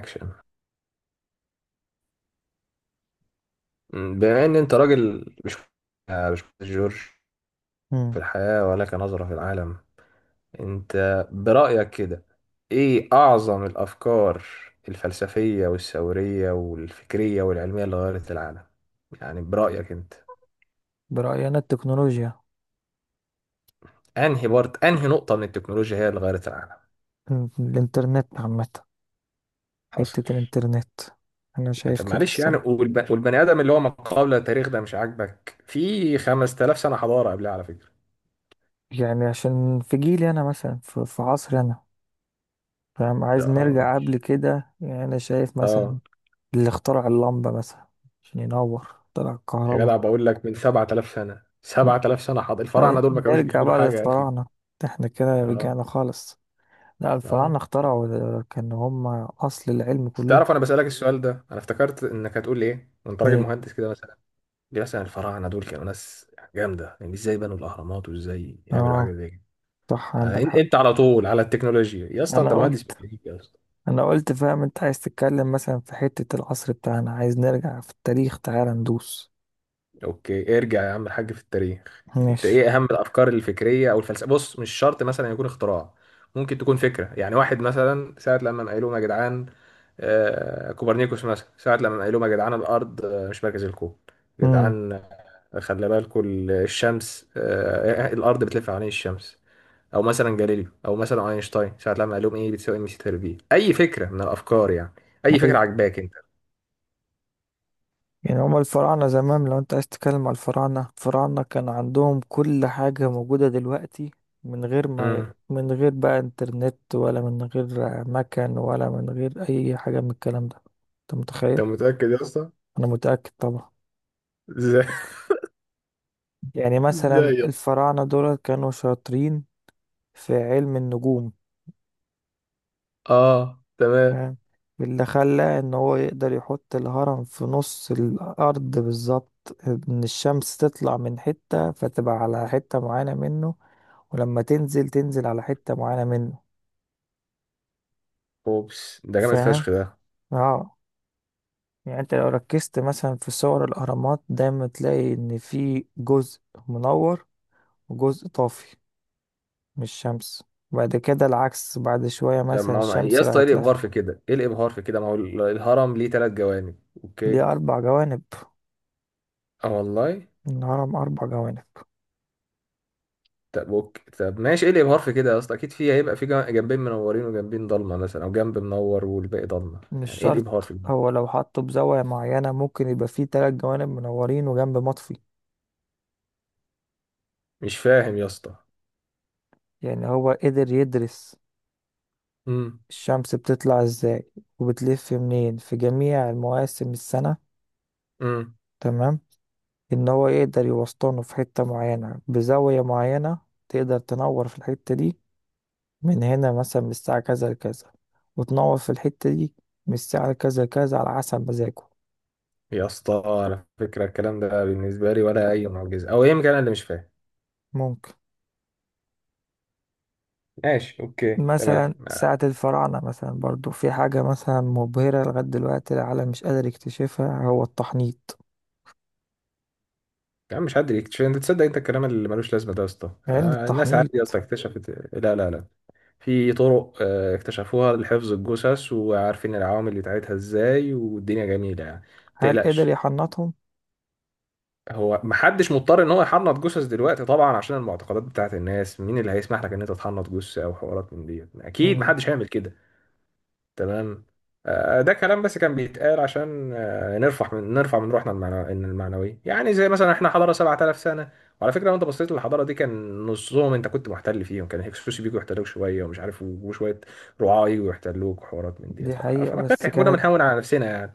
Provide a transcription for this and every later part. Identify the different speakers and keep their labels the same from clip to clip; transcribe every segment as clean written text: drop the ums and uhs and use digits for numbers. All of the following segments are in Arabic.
Speaker 1: اكشن. بما ان انت راجل مش مش جورج
Speaker 2: مم.
Speaker 1: في الحياة ولك نظرة في العالم، انت برأيك كده ايه اعظم الافكار الفلسفية والثورية والفكرية والعلمية اللي غيرت العالم، يعني برأيك انت
Speaker 2: برأيي أنا التكنولوجيا.
Speaker 1: انهي بارت انهي نقطة من التكنولوجيا هي اللي غيرت العالم؟
Speaker 2: الإنترنت عامة.
Speaker 1: حصل.
Speaker 2: حتة الإنترنت. أنا
Speaker 1: يعني
Speaker 2: شايف
Speaker 1: طب
Speaker 2: كده
Speaker 1: معلش يعني
Speaker 2: الصراحة.
Speaker 1: والبني ادم اللي هو ما قبل التاريخ ده مش عاجبك؟ في 5000 سنة حضارة قبلها على فكرة.
Speaker 2: يعني عشان في جيلي أنا مثلا في عصري أنا. فاهم؟ عايز
Speaker 1: لا، اه
Speaker 2: نرجع قبل
Speaker 1: ماشي.
Speaker 2: كده يعني أنا شايف مثلا
Speaker 1: اه.
Speaker 2: اللي اخترع اللمبة مثلا عشان ينور طلع
Speaker 1: يا جدع
Speaker 2: الكهرباء.
Speaker 1: بقول لك من 7000 سنة، 7000 سنة، حاضر الفراعنة
Speaker 2: طيب
Speaker 1: دول ما كانوش
Speaker 2: نرجع
Speaker 1: بيعملوا
Speaker 2: بقى
Speaker 1: حاجة يا أخي؟
Speaker 2: للفراعنة، احنا كده رجعنا
Speaker 1: اه.
Speaker 2: خالص. لا، الفراعنة
Speaker 1: اه.
Speaker 2: اخترعوا، كانوا هم أصل العلم كله.
Speaker 1: تعرف أنا بسألك السؤال ده أنا افتكرت إنك هتقول لي إيه وأنت راجل
Speaker 2: ليه؟
Speaker 1: مهندس كده مثلا، ليه مثلا الفراعنة دول كانوا ناس جامدة، يعني إزاي بنوا الأهرامات وإزاي يعملوا حاجة
Speaker 2: اه،
Speaker 1: زي كده.
Speaker 2: صح، عندك
Speaker 1: أنت
Speaker 2: حق.
Speaker 1: على طول على التكنولوجيا يا اسطى، أنت
Speaker 2: أنا
Speaker 1: مهندس
Speaker 2: قلت
Speaker 1: ميكانيكا يا اسطى.
Speaker 2: انا قلت فاهم انت عايز تتكلم مثلا في حتة العصر بتاعنا، عايز نرجع في التاريخ، تعالى ندوس.
Speaker 1: أوكي ارجع يا عم الحاج في التاريخ. أنت
Speaker 2: ماشي.
Speaker 1: إيه أهم الأفكار الفكرية أو الفلسفة؟ بص مش شرط مثلا يكون اختراع، ممكن تكون فكرة. يعني واحد مثلا ساعة لما قالوا لهم يا جدعان، كوبرنيكوس مثلا ساعة لما قال لهم يا جدعان الأرض مش مركز الكون يا
Speaker 2: امم.
Speaker 1: جدعان، خلي بالكم الشمس، الأرض بتلف حوالين الشمس. أو مثلا جاليليو أو مثلا أينشتاين ساعة لما قال لهم إيه بتساوي إم سي تر بي، أي فكرة من الأفكار يعني، أي فكرة
Speaker 2: ايوه.
Speaker 1: عجباك أنت.
Speaker 2: يعني هما الفراعنة زمان لو انت عايز تتكلم على الفراعنة، الفراعنة كان عندهم كل حاجة موجودة دلوقتي، من غير ما
Speaker 1: مم.
Speaker 2: من غير بقى انترنت، ولا من غير مكان، ولا من غير اي حاجة من الكلام ده. انت متخيل؟
Speaker 1: أنت متأكد يا اسطى؟
Speaker 2: انا متأكد طبعا.
Speaker 1: إزاي؟
Speaker 2: يعني مثلا
Speaker 1: إزاي يا اسطى؟
Speaker 2: الفراعنة دول كانوا شاطرين في علم النجوم.
Speaker 1: آه تمام.
Speaker 2: فاهم؟ اللي خلى ان هو يقدر يحط الهرم في نص الارض بالظبط ان الشمس تطلع من حتة فتبقى على حتة معينة منه، ولما تنزل تنزل على حتة معينة منه.
Speaker 1: أوبس ده جامد
Speaker 2: فاهم؟
Speaker 1: فشخ ده.
Speaker 2: اه. يعني انت لو ركزت مثلا في صور الاهرامات دايما تلاقي ان في جزء منور وجزء طافي من الشمس. بعد كده العكس بعد شوية،
Speaker 1: طب
Speaker 2: مثلا
Speaker 1: ما هو يا
Speaker 2: الشمس
Speaker 1: اسطى إيه
Speaker 2: راحت
Speaker 1: الإبهار
Speaker 2: لف.
Speaker 1: في كده؟ إيه الإبهار في كده؟ ما هو الهرم ليه تلات جوانب؟
Speaker 2: دي
Speaker 1: أوكي؟
Speaker 2: أربع جوانب،
Speaker 1: اه والله.
Speaker 2: الهرم أربع جوانب.
Speaker 1: طب اوكي طب ماشي، ايه الابهار في كده يا اسطى؟ اكيد في هيبقى في جنبين منورين وجنبين ضلمه، مثلا او جنب منور والباقي ضلمه،
Speaker 2: مش
Speaker 1: يعني ايه الابهار
Speaker 2: شرط،
Speaker 1: في الجنب؟
Speaker 2: هو لو حطه بزاوية معينة ممكن يبقى فيه تلات جوانب منورين وجنب مطفي.
Speaker 1: مش فاهم يا اسطى.
Speaker 2: يعني هو قدر يدرس
Speaker 1: امم.
Speaker 2: الشمس بتطلع ازاي وبتلف منين في جميع المواسم السنة.
Speaker 1: امم.
Speaker 2: تمام؟ ان هو يقدر يوسطنه في حتة معينة بزاوية معينة، تقدر تنور في الحتة دي من هنا مثلا من الساعة كذا لكذا، وتنور في الحتة دي من الساعة كذا لكذا على حسب مزاجه.
Speaker 1: يا اسطى على فكره الكلام ده بالنسبه لي ولا اي معجزه، او يمكن انا اللي مش فاهم.
Speaker 2: ممكن.
Speaker 1: ماشي اوكي تمام.
Speaker 2: مثلا ساعة الفراعنة مثلا برضو في حاجة مثلا مبهرة لغاية دلوقتي العالم مش قادر يكتشفها، هو التحنيط.
Speaker 1: يا عم مش حد يكتشف، انت تصدق انت الكلام اللي ملوش لازمه ده يا اسطى؟
Speaker 2: علم
Speaker 1: الناس عادي يا
Speaker 2: التحنيط.
Speaker 1: اسطى اكتشفت، لا لا لا، في طرق اكتشفوها لحفظ الجثث وعارفين العوامل بتاعتها ازاي والدنيا جميله، يعني ما
Speaker 2: هل قدر
Speaker 1: تقلقش.
Speaker 2: يحنطهم؟
Speaker 1: هو محدش مضطر ان هو يحنط جثث دلوقتي طبعا عشان المعتقدات بتاعت الناس، مين اللي هيسمح لك ان انت تحنط جثة او حوارات من دي؟ اكيد
Speaker 2: مم.
Speaker 1: محدش هيعمل كده. تمام. ده كلام بس كان بيتقال عشان نرفع من روحنا المعنو- إن المعنوية، يعني زي مثلا احنا حضارة 7000 سنة، وعلى فكرة لو انت بصيت للحضارة دي كان نصهم انت كنت محتل فيهم، كان هكسوس بيجوا يحتلوك شوية ومش عارف، وشوية رعاة يجوا يحتلوك وحوارات من دي،
Speaker 2: دي حقيقة، بس
Speaker 1: كنا
Speaker 2: كانت
Speaker 1: بنهون على نفسنا يعني.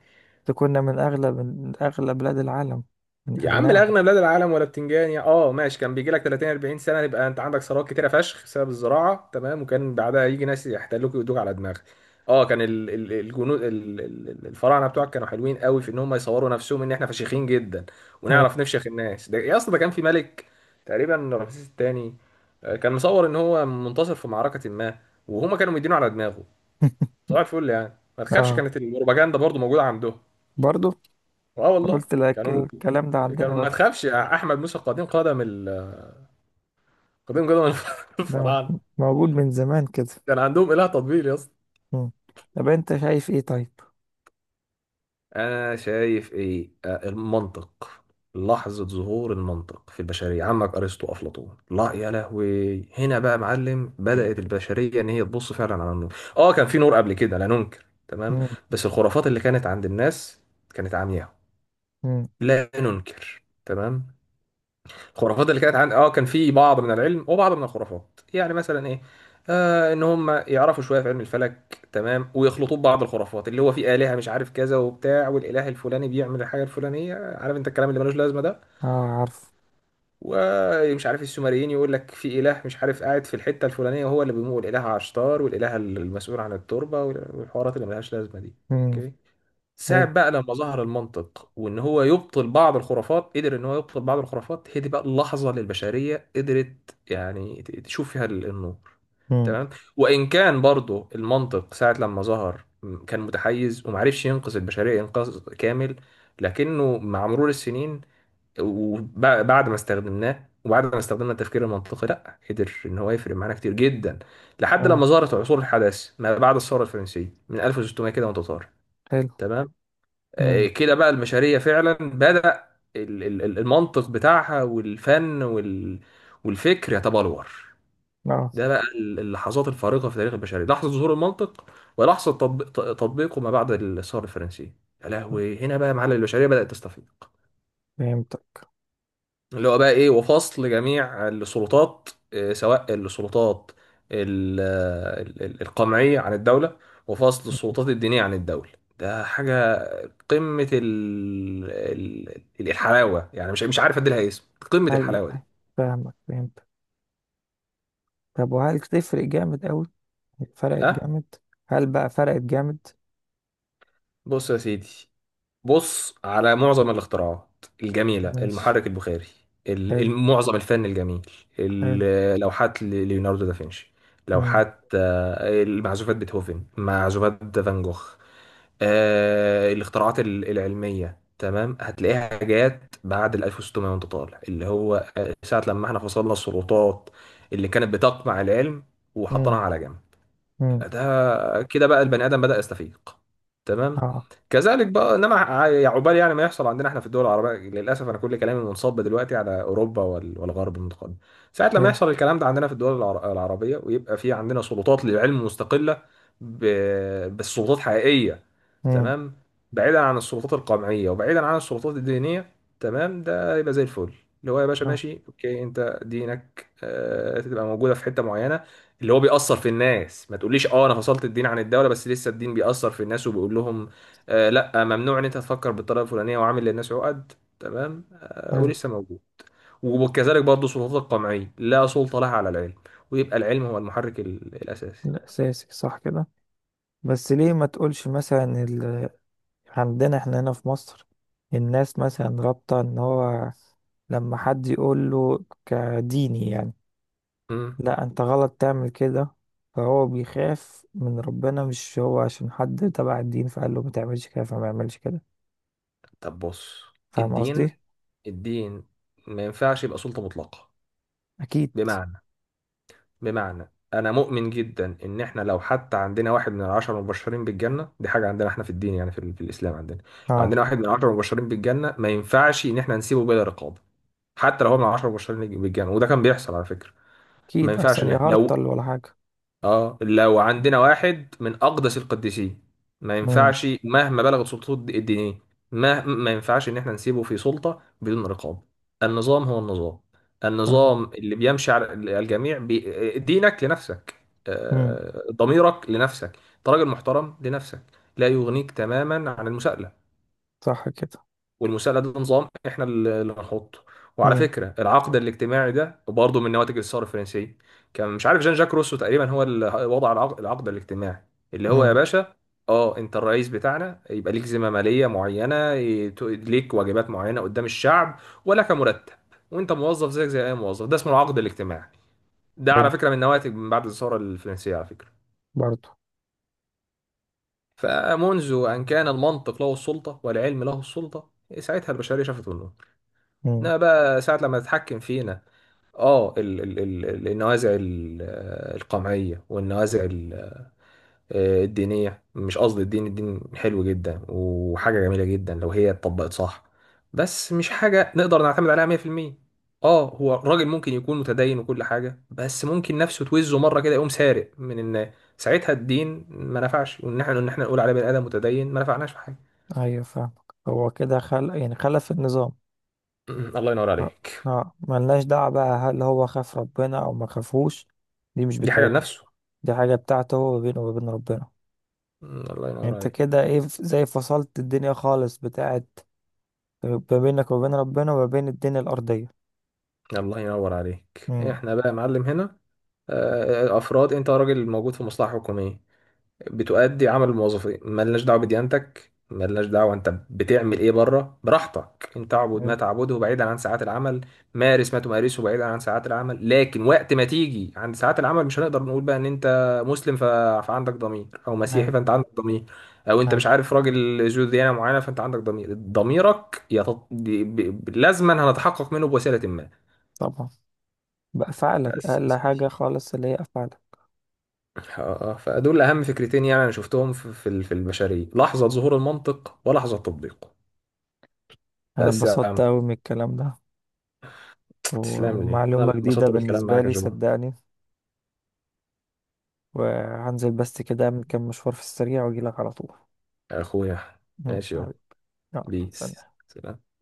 Speaker 2: كنا من أغلى بلاد العالم، من
Speaker 1: يا عم
Speaker 2: أغناهم.
Speaker 1: الاغنى بلاد العالم ولا بتنجان يا، اه ماشي، كان بيجي لك 30 40 سنه يبقى انت عندك ثروات كتيره فشخ بسبب الزراعه، تمام، وكان بعدها يجي ناس يحتلوك ويدوك على دماغك. اه، كان الجنود الفراعنه بتوعك كانوا حلوين قوي في ان هم يصوروا نفسهم ان احنا فشيخين جدا
Speaker 2: حلو.
Speaker 1: ونعرف نفشخ الناس. ده يا اسطى ده كان في ملك تقريبا رمسيس الثاني كان مصور ان هو منتصر في معركه ما وهما كانوا مدينه على دماغه صباح الفل، يعني ما تخافش،
Speaker 2: اه،
Speaker 1: كانت البروباجندا برضو موجوده عندهم.
Speaker 2: برضو
Speaker 1: اه والله.
Speaker 2: قلت لك
Speaker 1: كانوا
Speaker 2: الكلام ده
Speaker 1: كانوا
Speaker 2: عندنا
Speaker 1: ما
Speaker 2: بس.
Speaker 1: تخافش احمد موسى قديم قدم قديم قدم
Speaker 2: ده
Speaker 1: الفراعنه.
Speaker 2: موجود من زمان كده.
Speaker 1: كان عندهم اله تطبيل يا اسطى.
Speaker 2: مم. طب انت شايف ايه طيب؟
Speaker 1: انا شايف ايه؟ المنطق، لحظة ظهور المنطق في البشرية، عمك أرسطو أفلاطون، لا يا لهوي هنا بقى معلم، بدأت البشرية إن هي تبص فعلا على النور. آه كان في نور قبل كده لا ننكر، تمام،
Speaker 2: مم.
Speaker 1: بس الخرافات اللي كانت عند الناس كانت عمياء،
Speaker 2: مم.
Speaker 1: لا ننكر تمام. الخرافات اللي كانت عن اه كان في بعض من العلم وبعض من الخرافات، يعني مثلا ايه، آه ان هم يعرفوا شويه في علم الفلك تمام ويخلطوا ببعض الخرافات اللي هو في الهه مش عارف كذا وبتاع، والاله الفلاني بيعمل الحاجه الفلانيه، عارف انت الكلام اللي ملوش لازمه ده،
Speaker 2: اه، عارف.
Speaker 1: ومش عارف السومريين يقول لك في اله مش عارف قاعد في الحته الفلانيه وهو اللي بيمول، الاله عشتار والاله المسؤول عن التربه والحوارات اللي ملهاش لازمه دي
Speaker 2: مم.
Speaker 1: اوكي. ساعة
Speaker 2: حلو.
Speaker 1: بقى لما ظهر المنطق وان هو يبطل بعض الخرافات، قدر ان هو يبطل بعض الخرافات، هي دي بقى اللحظة اللي البشرية قدرت يعني تشوف فيها النور.
Speaker 2: مم.
Speaker 1: تمام. وان كان برضو المنطق ساعة لما ظهر كان متحيز ومعرفش ينقذ البشرية انقاذ كامل، لكنه مع مرور السنين وبعد ما استخدمناه وبعد ما استخدمنا التفكير المنطقي، لا قدر ان هو يفرق معانا كتير جدا، لحد لما
Speaker 2: اه.
Speaker 1: ظهرت عصور الحداثة ما بعد الثورة الفرنسية من 1600 كده وانت طالع.
Speaker 2: حلو.
Speaker 1: تمام.
Speaker 2: مم.
Speaker 1: كده بقى المشاريع فعلا بدأ المنطق بتاعها والفن والفكر يتبلور.
Speaker 2: اه،
Speaker 1: ده بقى اللحظات الفارقة في تاريخ البشرية، لحظة ظهور المنطق ولحظة تطبيقه ما بعد الثورة الفرنسية، يا لهوي هنا بقى معلم البشرية بدأت تستفيق.
Speaker 2: فهمتك.
Speaker 1: اللي هو بقى ايه؟ وفصل جميع السلطات سواء السلطات القمعية عن الدولة، وفصل السلطات الدينية عن الدولة، ده حاجة قمة الحلاوة، يعني مش مش عارف ادي لها اسم، قمة
Speaker 2: ايوه،
Speaker 1: الحلاوة دي.
Speaker 2: فاهمك، فهمتك. طب وهل تفرق جامد قوي؟ فرقت
Speaker 1: ها.
Speaker 2: جامد. هل بقى فرقت جامد؟
Speaker 1: بص يا سيدي، بص على معظم الاختراعات الجميلة،
Speaker 2: ماشي.
Speaker 1: المحرك البخاري،
Speaker 2: حلو.
Speaker 1: معظم الفن الجميل،
Speaker 2: حلو.
Speaker 1: لوحات ليوناردو دافنشي،
Speaker 2: امم.
Speaker 1: لوحات، المعزوفات، بيتهوفن، معزوفات فان جوخ، آه الاختراعات العلمية، تمام، هتلاقيها جات بعد ال 1600 وانت طالع، اللي هو ساعة لما احنا فصلنا السلطات اللي كانت بتقمع العلم وحطيناها
Speaker 2: امم.
Speaker 1: على جنب.
Speaker 2: امم.
Speaker 1: ده كده بقى البني ادم بدأ يستفيق، تمام.
Speaker 2: اه.
Speaker 1: كذلك بقى انما يا عقبال يعني ما يحصل عندنا احنا في الدول العربيه للاسف، انا كل كلامي منصب دلوقتي على اوروبا والغرب المتقدم. ساعه لما
Speaker 2: حلو.
Speaker 1: يحصل الكلام ده عندنا في الدول العربيه، ويبقى في عندنا سلطات للعلم مستقله، بس سلطات حقيقيه،
Speaker 2: امم.
Speaker 1: تمام، بعيدا عن السلطات القمعيه وبعيدا عن السلطات الدينيه، تمام، ده يبقى زي الفل. اللي هو يا باشا
Speaker 2: اه.
Speaker 1: ماشي اوكي، انت دينك تبقى موجوده في حته معينه اللي هو بيأثر في الناس، ما تقوليش اه انا فصلت الدين عن الدولة بس لسه الدين بيأثر في الناس وبيقول لهم آه لا ممنوع ان انت تفكر بالطريقة الفلانية وعامل للناس عقد، تمام، آه
Speaker 2: حلو.
Speaker 1: ولسه موجود. وكذلك برضه سلطات القمعية لا سلطة لها على العلم، ويبقى العلم هو المحرك الأساسي.
Speaker 2: الاساسي، صح كده. بس ليه ما تقولش مثلا ال... عندنا احنا هنا في مصر، الناس مثلا رابطة ان هو لما حد يقول له كديني يعني
Speaker 1: مم.
Speaker 2: لا انت غلط تعمل كده، فهو بيخاف من ربنا، مش هو عشان حد تبع الدين فقال له ما تعملش كده فما يعملش كده.
Speaker 1: طب بص،
Speaker 2: فاهم
Speaker 1: الدين،
Speaker 2: قصدي؟
Speaker 1: الدين ما ينفعش يبقى سلطة مطلقة.
Speaker 2: اكيد.
Speaker 1: بمعنى بمعنى انا مؤمن جدا ان احنا لو حتى عندنا واحد من العشرة مبشرين بالجنة، دي حاجة عندنا احنا في الدين، يعني في، في الاسلام عندنا لو
Speaker 2: اه،
Speaker 1: عندنا واحد من العشرة مبشرين بالجنة ما ينفعش ان احنا نسيبه بلا رقابة، حتى لو هو من العشرة مبشرين بالجنة، وده كان بيحصل على فكرة. ما
Speaker 2: اكيد،
Speaker 1: ينفعش
Speaker 2: احسن
Speaker 1: ان
Speaker 2: يهرطل
Speaker 1: لو،
Speaker 2: ولا حاجه.
Speaker 1: اه لو عندنا واحد من اقدس القديسين، ما
Speaker 2: امم.
Speaker 1: ينفعش مهما بلغت سلطته الدينيه، ما ينفعش ان احنا نسيبه في سلطه بدون رقابه. النظام هو النظام،
Speaker 2: فاهم.
Speaker 1: النظام اللي بيمشي على الجميع، دينك لنفسك،
Speaker 2: امم.
Speaker 1: ضميرك لنفسك، انت راجل محترم لنفسك، لا يغنيك تماما عن المساءله.
Speaker 2: صح كده.
Speaker 1: والمساءله ده نظام احنا اللي هنحطه. وعلى
Speaker 2: امم.
Speaker 1: فكره العقد الاجتماعي ده برضه من نواتج الثوره الفرنسيه، كان مش عارف جان جاك روسو تقريبا هو اللي وضع العقد الاجتماعي، اللي هو يا
Speaker 2: امم.
Speaker 1: باشا اه انت الرئيس بتاعنا يبقى ليك ذمه ماليه معينه ليك واجبات معينه قدام الشعب ولك مرتب، وانت موظف زيك زي اي موظف، ده اسمه العقد الاجتماعي، ده على
Speaker 2: حلو.
Speaker 1: فكره من نواتج من بعد الثوره الفرنسيه على فكره.
Speaker 2: برضو.
Speaker 1: فمنذ ان كان المنطق له السلطه والعلم له السلطه، ساعتها البشريه شافت.
Speaker 2: امم.
Speaker 1: لا بقى ساعة لما تتحكم فينا اه النوازع القمعية والنوازع الدينية، مش قصدي الدين، الدين حلو جدا وحاجة جميلة جدا لو هي اتطبقت صح، بس مش حاجة نقدر نعتمد عليها 100%. اه هو الراجل ممكن يكون متدين وكل حاجة بس ممكن نفسه توزه مرة كده يقوم سارق من الناس، ساعتها الدين ما نفعش، وان احنا نقول عليه بني آدم متدين ما نفعناش في حاجة.
Speaker 2: ايوه، فاهمك، هو كده خلق يعني خلف النظام.
Speaker 1: الله ينور
Speaker 2: اه.
Speaker 1: عليك.
Speaker 2: ملناش دعوه بقى هل هو خاف ربنا او ما خافوش، دي مش
Speaker 1: دي حاجة
Speaker 2: بتاعتنا.
Speaker 1: لنفسه.
Speaker 2: دي حاجه بتاعته هو، ما بينه وما بين ربنا.
Speaker 1: الله ينور
Speaker 2: انت
Speaker 1: عليك.
Speaker 2: كده ايه زي فصلت الدنيا خالص، بتاعت ما بينك وبين ربنا، وما بين الدنيا الأرضية.
Speaker 1: الله ينور عليك.
Speaker 2: امم.
Speaker 1: احنا بقى يا معلم هنا افراد، انت راجل موجود في مصلحه حكوميه بتؤدي عمل الموظفين، ملناش دعوه بديانتك، ملناش دعوه انت بتعمل ايه بره، براحتك انت اعبد ما
Speaker 2: حلو.
Speaker 1: تعبده بعيدا عن ساعات العمل، مارس ما تمارسه بعيدا عن ساعات العمل، لكن وقت ما تيجي عند ساعات العمل مش هنقدر نقول بقى ان انت مسلم فعندك ضمير، او مسيحي
Speaker 2: هاي.
Speaker 1: فانت عندك ضمير، او انت
Speaker 2: هاي.
Speaker 1: مش عارف راجل ذو ديانه معينه فانت عندك ضمير. ضميرك لازما هنتحقق منه بوسيله ما.
Speaker 2: طبعا. بأفعالك،
Speaker 1: بس يا
Speaker 2: أقل حاجة
Speaker 1: سيدي،
Speaker 2: خالص اللي هي أفعالك.
Speaker 1: فدول اهم فكرتين يعني انا شفتهم في في البشريه، لحظه ظهور المنطق ولحظه تطبيقه.
Speaker 2: أنا
Speaker 1: بس يا
Speaker 2: اتبسطت
Speaker 1: عم
Speaker 2: أوي من الكلام ده و-
Speaker 1: تسلم لي، انا
Speaker 2: ومعلومة
Speaker 1: اللي
Speaker 2: جديدة
Speaker 1: انبسطت بالكلام
Speaker 2: بالنسبة
Speaker 1: معاك يا
Speaker 2: لي
Speaker 1: جو.
Speaker 2: صدقني. وهنزل بس كده، أعمل كام مشوار في السريع وأجيلك على طول.
Speaker 1: يا اخويا ماشي
Speaker 2: ماشي يا
Speaker 1: يابا.
Speaker 2: حبيبي. يلا،
Speaker 1: بيس
Speaker 2: سلام.
Speaker 1: سلام.